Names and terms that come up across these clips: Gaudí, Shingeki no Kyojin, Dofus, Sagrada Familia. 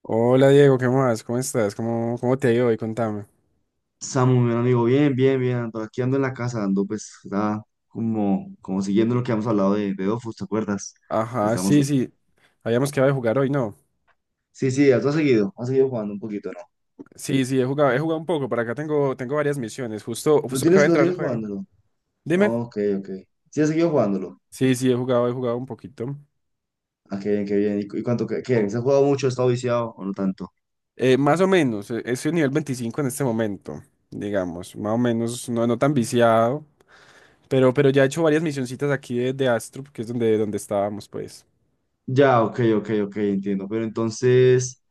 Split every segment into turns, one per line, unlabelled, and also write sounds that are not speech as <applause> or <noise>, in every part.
Hola Diego, ¿qué más? ¿Cómo estás? ¿Cómo te ha ido hoy? Contame.
Samu, mi amigo, bien, bien, bien, ando aquí ando en la casa, ando pues, como, como siguiendo lo que hemos hablado de Dofus, ¿te acuerdas? Que
Ajá,
estamos...
sí, sí. Habíamos quedado de jugar hoy, ¿no?
Sí, sí, has seguido, has seguido jugando un poquito, ¿no?
Sí, sí, he jugado un poco. Por acá tengo varias misiones. Justo, justo acaba de
Lo
entrar el
tienes
juego.
jugándolo?
Dime.
Ok, ok. Sí, has seguido jugándolo.
Sí, sí, he jugado un poquito.
Ah, qué bien, qué bien. ¿Y, cu- y cuánto, qué, qué? ¿Se ha jugado mucho, ha estado viciado o no tanto?
Más o menos, estoy en nivel 25 en este momento, digamos. Más o menos, no, no tan viciado. Pero ya he hecho varias misioncitas aquí de Astrup, que es donde estábamos, pues.
Ya, ok, ok, ok, entiendo. Pero entonces,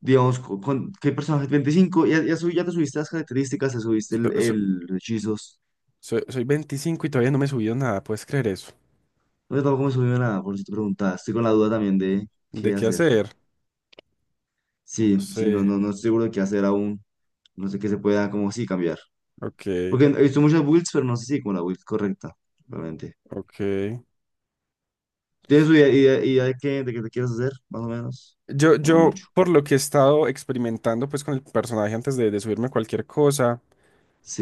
digamos, co- ¿con, qué personaje? ¿25? Ya, ya, subí- ya te subiste las características, te subiste
So- so-
el- los hechizos.
soy 25 y todavía no me he subido nada, ¿puedes creer eso?
No, yo tampoco me he subido a nada, por si te preguntas. Estoy con la duda también de
¿De
qué
qué
hacer.
hacer? No
Sí, sí, no,
sé.
no, no estoy seguro de qué hacer aún. No sé qué se pueda, como sí, cambiar.
Ok,
Porque he visto muchas builds, pero no sé si como la build correcta, realmente.
ok.
¿Tienes una idea, idea, idea de qué te quieres hacer, más o menos?
Yo,
O no
yo,
mucho.
por lo que he estado experimentando pues con el personaje antes de subirme a cualquier cosa,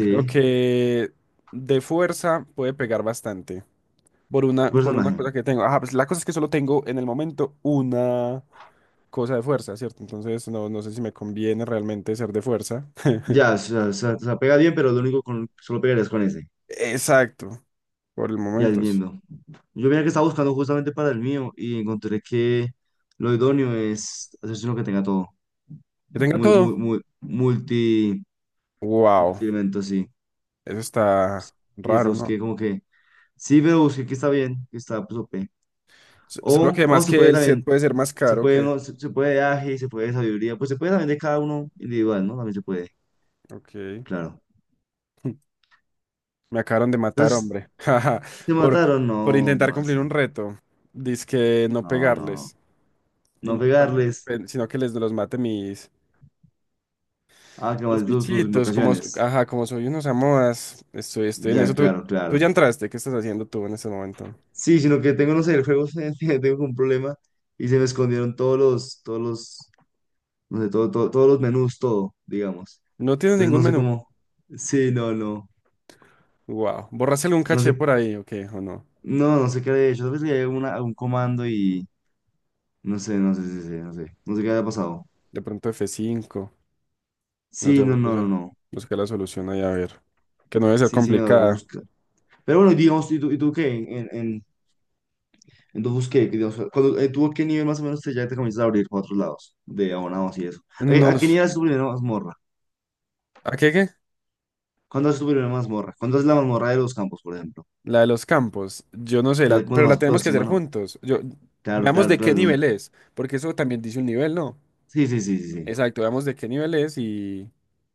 creo que de fuerza puede pegar bastante. Por una
personaje.
cosa que tengo. Ah, pues la cosa es que solo tengo en el momento una cosa de fuerza, ¿cierto? Entonces no, no sé si me conviene realmente ser de fuerza. <laughs>
Ya, o sea, o sea, o sea, pega bien, pero lo único con, solo pegarías con ese.
Exacto, por el
Ya
momento, sí.
entiendo. Yo mira que estaba buscando justamente para el mío y encontré que lo idóneo es hacerse uno que tenga todo.
Que tenga
Muy, muy,
todo.
muy, multi,
Wow,
multi elemento, sí.
eso está
Y eso
raro, ¿no?
busqué como que, sí, pero busqué que está bien, que está, pues, OP.
Solo que
O, o
además
se
que
puede
el set
también,
puede ser más
se
caro
puede,
que...
uno, se puede de aje, se puede de sabiduría, pues se puede también de cada uno individual, ¿no? También se puede,
Ok.
claro.
<laughs> Me acabaron de matar,
Entonces,
hombre. <laughs> Jaja.
¿te
Por,
mataron?
por
No,
intentar
¿cómo
cumplir un
así?
reto. Dizque no
No, no.
pegarles. Y
No
no que lo
pegarles.
maten, sino que les los mate mis,
Ah, que
mis
más tus, tus
bichitos. Como,
invocaciones.
ajá, como soy unos amoas. Estoy en
Ya,
eso. Tú,
claro,
tú
claro.
ya entraste. ¿Qué estás haciendo tú en este momento?
Sí, sino que tengo, no sé, el juego, <laughs> tengo un problema y se me escondieron todos los no sé, todo, todo- todos los menús, todo, digamos.
No tienes
Entonces
ningún
no sé
menú.
cómo, sí, no, no,
Wow. ¿Borraste algún
no
caché
sé,
por ahí? Ok, o no.
no, no sé qué había hecho, tal vez le había una- un comando y no sé, no sé, sí, sí, no sé, no sé qué había pasado.
De pronto F5. No sé,
Sí, no, no, no,
busca,
no,
busca la solución ahí a ver. Que no debe ser
sí, sí, me lo tengo que
complicada.
buscar. Pero bueno, digamos, y tú qué? En tu busqué, que, digamos, cuando, ¿tú a qué nivel más o menos te, ya te comienzas a abrir para otros lados, de abonados y eso? A qué
Nos.
nivel es tu primera mazmorra?
¿A qué?
¿Cuándo es tu primera mazmorra? ¿Cuándo es la mazmorra de los campos, por ejemplo?
La de los campos, yo no sé,
Que es como la
pero la
más
tenemos que
próxima,
hacer
¿no?
juntos. Yo,
Claro,
veamos
claro,
de qué
claro. No.
nivel es, porque eso también dice un nivel, ¿no?
Sí, sí, sí, sí, sí.
Exacto, veamos de qué nivel es y,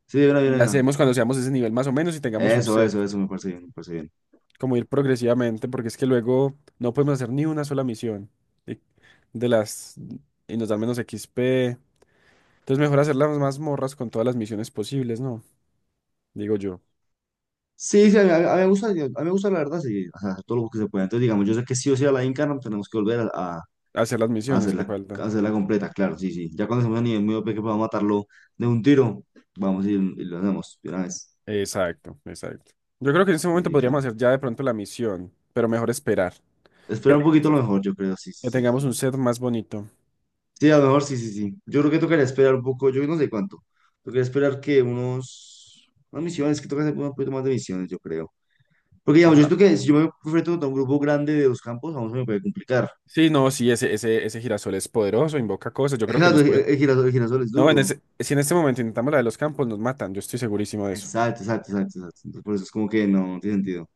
Sí, de una, de
y
una,
la
de una.
hacemos cuando seamos ese nivel más o menos y tengamos un
Eso,
set,
eso, eso me parece bien, me parece bien.
como ir progresivamente, porque es que luego no podemos hacer ni una sola misión de, de las y nos dan menos XP. Entonces mejor hacer las mazmorras con todas las misiones posibles, ¿no? Digo yo,
Sí, sí, a mí me gusta, a mí me gusta la verdad, sí, o sea, todo lo que se pueda. Entonces, digamos, yo sé que sí o sí a la Inca no tenemos que volver
hacer las misiones que
a
faltan.
hacerla completa, claro, sí, sí. Ya cuando estemos a nivel muy OP que podamos matarlo de un tiro, vamos y lo hacemos de una vez.
Exacto, exacto. Yo creo que en este
Sí,
momento
sí, claro.
podríamos hacer ya de pronto la misión, pero mejor esperar.
Esperar un poquito a lo mejor, yo creo, sí,
Que
sí, sí.
tengamos
Sí,
un set más bonito.
sí, a lo mejor sí, sí, sí. Yo creo que tocaría esperar un poco, yo no sé cuánto. Tocaría esperar que unos, unas misiones, que toca hacer un poquito más de misiones, yo creo. Porque digamos, yo
Ajá.
siento que si yo me enfrento a un grupo grande de dos campos, vamos, se me puede complicar.
Sí, no, sí, ese girasol es poderoso, invoca cosas. Yo creo que
Exacto,
nos pueden.
el girasol es
No,
duro.
si en este momento intentamos la de los campos, nos matan. Yo estoy segurísimo de eso.
Exacto, exacto, exacto, exacto. Entonces, por eso es como que no, no tiene sentido.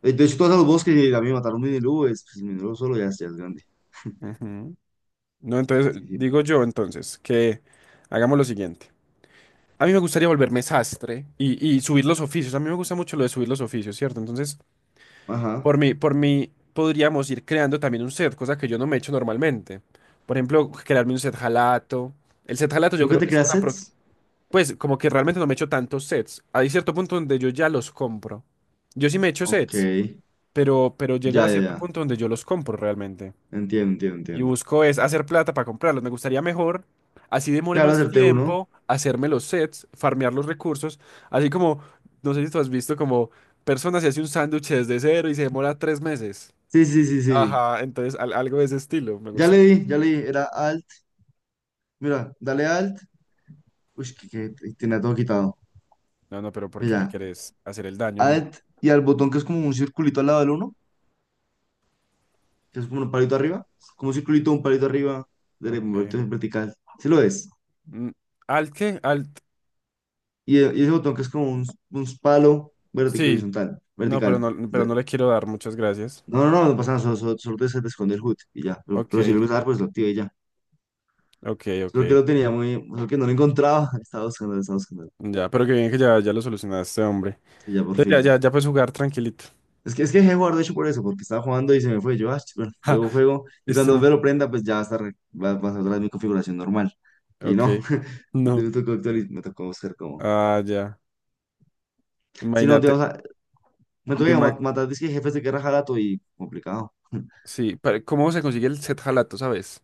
De hecho, todos los bosques y a mí me mataron un minilú, es, pues, el minilú solo ya es grande.
Ujú. No, entonces,
Sí, sí.
digo yo entonces que hagamos lo siguiente. A mí me gustaría volverme sastre y subir los oficios. A mí me gusta mucho lo de subir los oficios, ¿cierto? Entonces,
Ajá.
por mí podríamos ir creando también un set, cosa que yo no me echo normalmente. Por ejemplo, crearme un set jalato. El set jalato yo
¿Nunca
creo
te
que es
creas
una.
sets?
Pues como que realmente no me echo tantos sets. Hay cierto punto donde yo ya los compro. Yo sí me echo
Ok.
sets, pero llega a
Ya, ya,
cierto
ya.
punto donde yo los compro realmente.
Entiendo, entiendo,
Y
entiendo.
busco es hacer plata para comprarlos. Me gustaría mejor, así demore
Claro,
más
acerté uno.
tiempo, hacerme los sets, farmear los recursos. Así como, no sé si tú has visto como personas se hace un sándwich desde cero y se demora 3 meses.
Sí, sí, sí, sí.
Ajá, entonces algo de ese estilo me
Ya le
gustaría.
di, ya le di. Era alt. Mira, dale alt. Uy, que tenía todo quitado.
No, no, pero ¿por qué me
Mira,
querés hacer el daño a mí?
alt y al botón que es como un circulito al lado del uno. Que es como un palito arriba, como un circulito, un palito arriba, de-
Ok.
movimiento vertical. Sí lo es.
Mm, ¿Al qué? ¿Al
Y y ese botón que es como un palo vertical,
Sí,
horizontal,
no, pero
vertical.
no, pero
La-
no le quiero dar, muchas gracias.
No, no, no, no pasa nada, solo, solo, solo te, se te esconde el HUD y ya.
Ok,
Pero si lo usas, pues lo activé y ya.
ok, ok.
Solo que lo tenía muy, solo que no lo encontraba, <laughs> estaba buscando, estaba buscando.
Ya, pero qué bien que ya lo solucionaste, hombre.
Y ya por
Entonces ya,
fin.
ya, ya puedes jugar tranquilito.
Es que dejé de jugar, de hecho, por eso, porque estaba jugando y se me fue. Yo, ah, ch- bueno, luego
<laughs>
juego y
este,
cuando me lo prenda, pues ya va a estar, va, va a estar otra vez mi configuración normal. Y
ok.
no, <laughs>
No.
me tocó actualiz- me tocó buscar cómo.
Ah, ya.
Si no,
Imagínate.
digamos, me toca
Vilma,
mat- matar disque jefes de guerra jalato y complicado.
sí, pero ¿cómo se consigue el set jalato, sabes?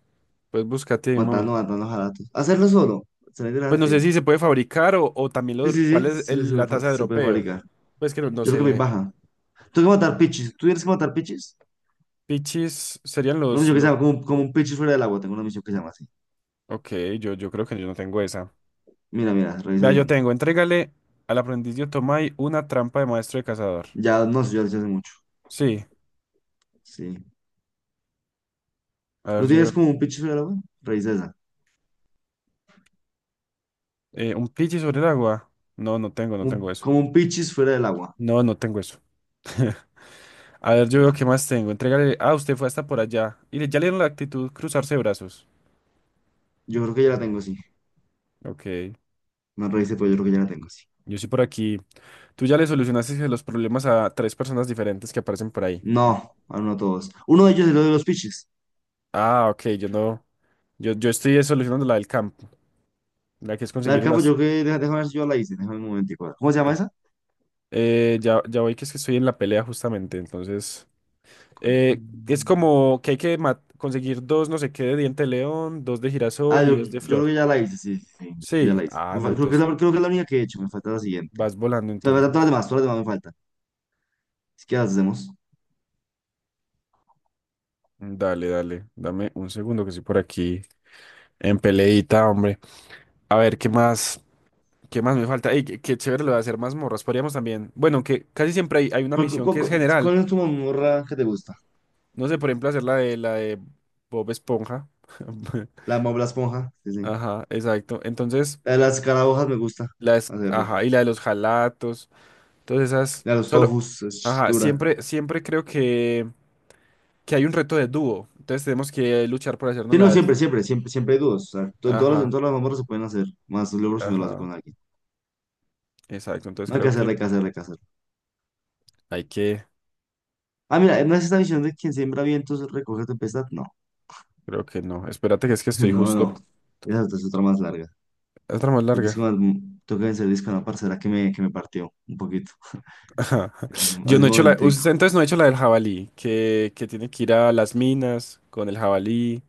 Pues búscate ahí un momento.
Matando, matando jalatos. Hacerlo solo. Salir
Pues no sé
delante.
si se puede fabricar o también
Sí,
lo,
sí,
cuál
sí,
es
sí, se, me
la
fa-
tasa de
se puede
dropeo.
fabricar.
Pues que no, no
Yo creo que me
sé.
baja. Tengo que matar pichis. ¿Tú tienes que matar pichis?
Pichis serían
Una
los,
misión que se
los...
llama como, como un pichis fuera del agua. Tengo una misión que se llama así.
Ok, yo creo que yo no tengo esa.
Mira, mira, revisa
Vea, yo
bien.
tengo, entrégale al aprendiz de Otomai una trampa de maestro de cazador.
Ya, no sé, ya lo hice hace mucho.
Sí,
Sí.
a ver,
¿No
yo.
tienes como un pichis fuera del agua? Revisa esa.
¿Un pichi sobre el agua? No, no tengo
Un-
eso.
como un pichis fuera del agua.
No, no tengo eso. <laughs> A ver, yo veo qué
Ah,
más tengo. Entrégale. Ah, usted fue hasta por allá. Y le, ya le dieron la actitud cruzarse de brazos.
yo creo que ya la tengo, sí.
Ok.
No revisé, pero yo creo que ya la tengo, sí.
Yo sí por aquí. Tú ya le solucionaste los problemas a tres personas diferentes que aparecen por ahí.
No, aún no todos. Uno de ellos es lo de los pichis.
Ah, ok, yo no. Yo estoy solucionando la del campo. La que es
La del
conseguir
campo,
unas.
yo que, deja- déjame ver si yo la hice, déjame un momentico. ¿Cómo se llama
el-
esa?
ya voy que es que estoy en la pelea justamente, entonces. Eh, es
Mm,
como que hay que conseguir dos, no sé qué, de diente de león, dos de
ah,
girasol y
yo,
dos
yo
de
creo
flor.
que ya la hice, sí, sí, sí, yo creo que ya
Sí,
la hice.
ah,
Me
no,
fal- creo que es
entonces
la, creo que es la única que he hecho, me falta la siguiente.
vas volando
O sea, me faltan
entonces.
todas las demás me faltan. Así que las hacemos.
Mm, dale, dale, dame un segundo que estoy por aquí en peleita, hombre. A ver, ¿qué más? ¿Qué más me falta? Ey, qué chévere lo de hacer mazmorras. Podríamos también, bueno, que casi siempre hay una
¿Cuál, cu-
misión
cu-
que es
cu-
general.
cuál es tu mamorra que te gusta?
No sé, por ejemplo, hacer la de Bob Esponja. <laughs>
La mamorra la esponja, sí, sí.
Ajá, exacto. Entonces,
La de las escarabajas me gusta
las,
hacerla.
ajá, y la de los jalatos. Entonces esas
La de los
solo,
tofus, es
ajá,
dura.
siempre creo que hay un reto de dúo. Entonces tenemos que luchar por hacernos
Sí, no,
las,
siempre, siempre, siempre, siempre hay dudas. O sea, to- en
ajá,
todas las mazmorras se pueden hacer, más luego si no lo hace
ajá,
con alguien.
exacto. Entonces
No hay que
creo
hacerla,
que
hay que hacerla, hay que hacerla.
hay que,
Ah, mira, ¿no es esta visión de quien siembra vientos recoge tempestad? No,
creo que no. Espérate que es que
<laughs>
estoy
no, no.
justo.
Esa es otra más larga.
Otra más
Porque es que
larga.
más, tengo que vencer disco a una parcera que me partió un poquito.
<laughs> Ajá.
Hace,
Yo
hace
no
un
he hecho la,
momentico.
usted entonces no he hecho la del jabalí, que tiene que ir a las minas con el jabalí.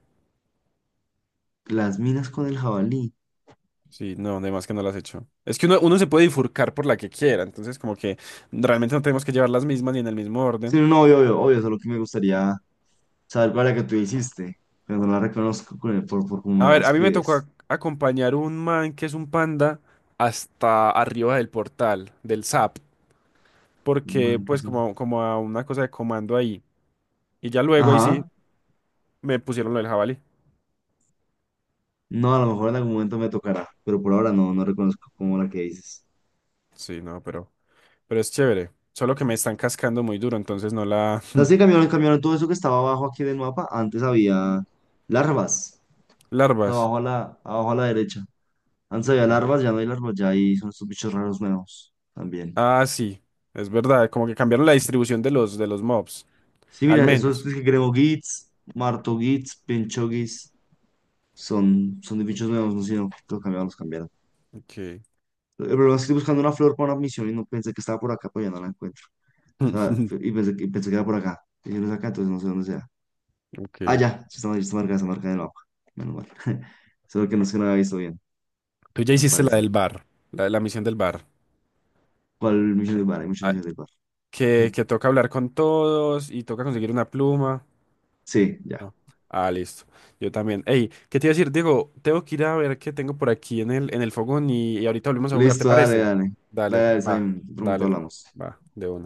Las minas con el jabalí.
Sí, no, además que no las he hecho. Es que uno se puede bifurcar por la que quiera, entonces como que realmente no tenemos que llevar las mismas ni en el mismo
Sí,
orden.
no, obvio, obvio, obvio. Solo que me gustaría saber cuál es la que tú hiciste. Pero no la reconozco con el- por cómo me
A
la
ver, a mí me tocó
describes.
acompañar un man que es un panda hasta arriba del portal, del SAP,
Un
porque
Man, que
pues
es un...
como a una cosa de comando ahí. Y ya luego ahí sí
Ajá.
me pusieron lo del jabalí.
No, a lo mejor en algún momento me tocará. Pero por ahora no, no reconozco como la que dices.
Sí, no, pero es chévere. Solo que me están cascando muy duro, entonces no la
O sea, sí cambiaron, cambiaron todo eso que estaba abajo aquí del mapa. Antes había larvas.
<laughs> larvas.
Abajo a la, abajo a la derecha. Antes había
Ya.
larvas, ya no hay larvas, ya hay, son estos bichos raros nuevos también.
Ah, sí, es verdad, como que cambiaron la distribución de los mobs,
Sí,
al
mira, esos
menos.
que creo gits, marto gits, pincho gits, son, son de bichos nuevos, no sé, si no, los cambiaron, los cambiaron.
Ok.
El problema es que estoy buscando una flor para una misión y no pensé que estaba por acá, pero ya no la encuentro. O sea,
<laughs>
y pensé que era por acá. Y no es acá, entonces no sé dónde sea. Ah,
Ok.
ya, sí está, mar- está marcada en el mapa. Menos mal. <laughs> Solo que no es que no la había visto bien,
Tú ya
al
hiciste la
parecer.
del bar, la misión del bar.
¿Cuál misión del bar? Hay muchas
Ah,
misiones del bar.
que,
<laughs>
que toca hablar con todos y toca conseguir una pluma.
Sí, ya.
No. Ah, listo. Yo también. Ey, ¿qué te iba a decir, Diego? Tengo que ir a ver qué tengo por aquí en el fogón y ahorita volvemos a jugar, ¿te
Listo, dale,
parece?
dale.
Dale,
Dale, dale,
va,
Simon. Pronto
dale, pues,
hablamos.
va, de una.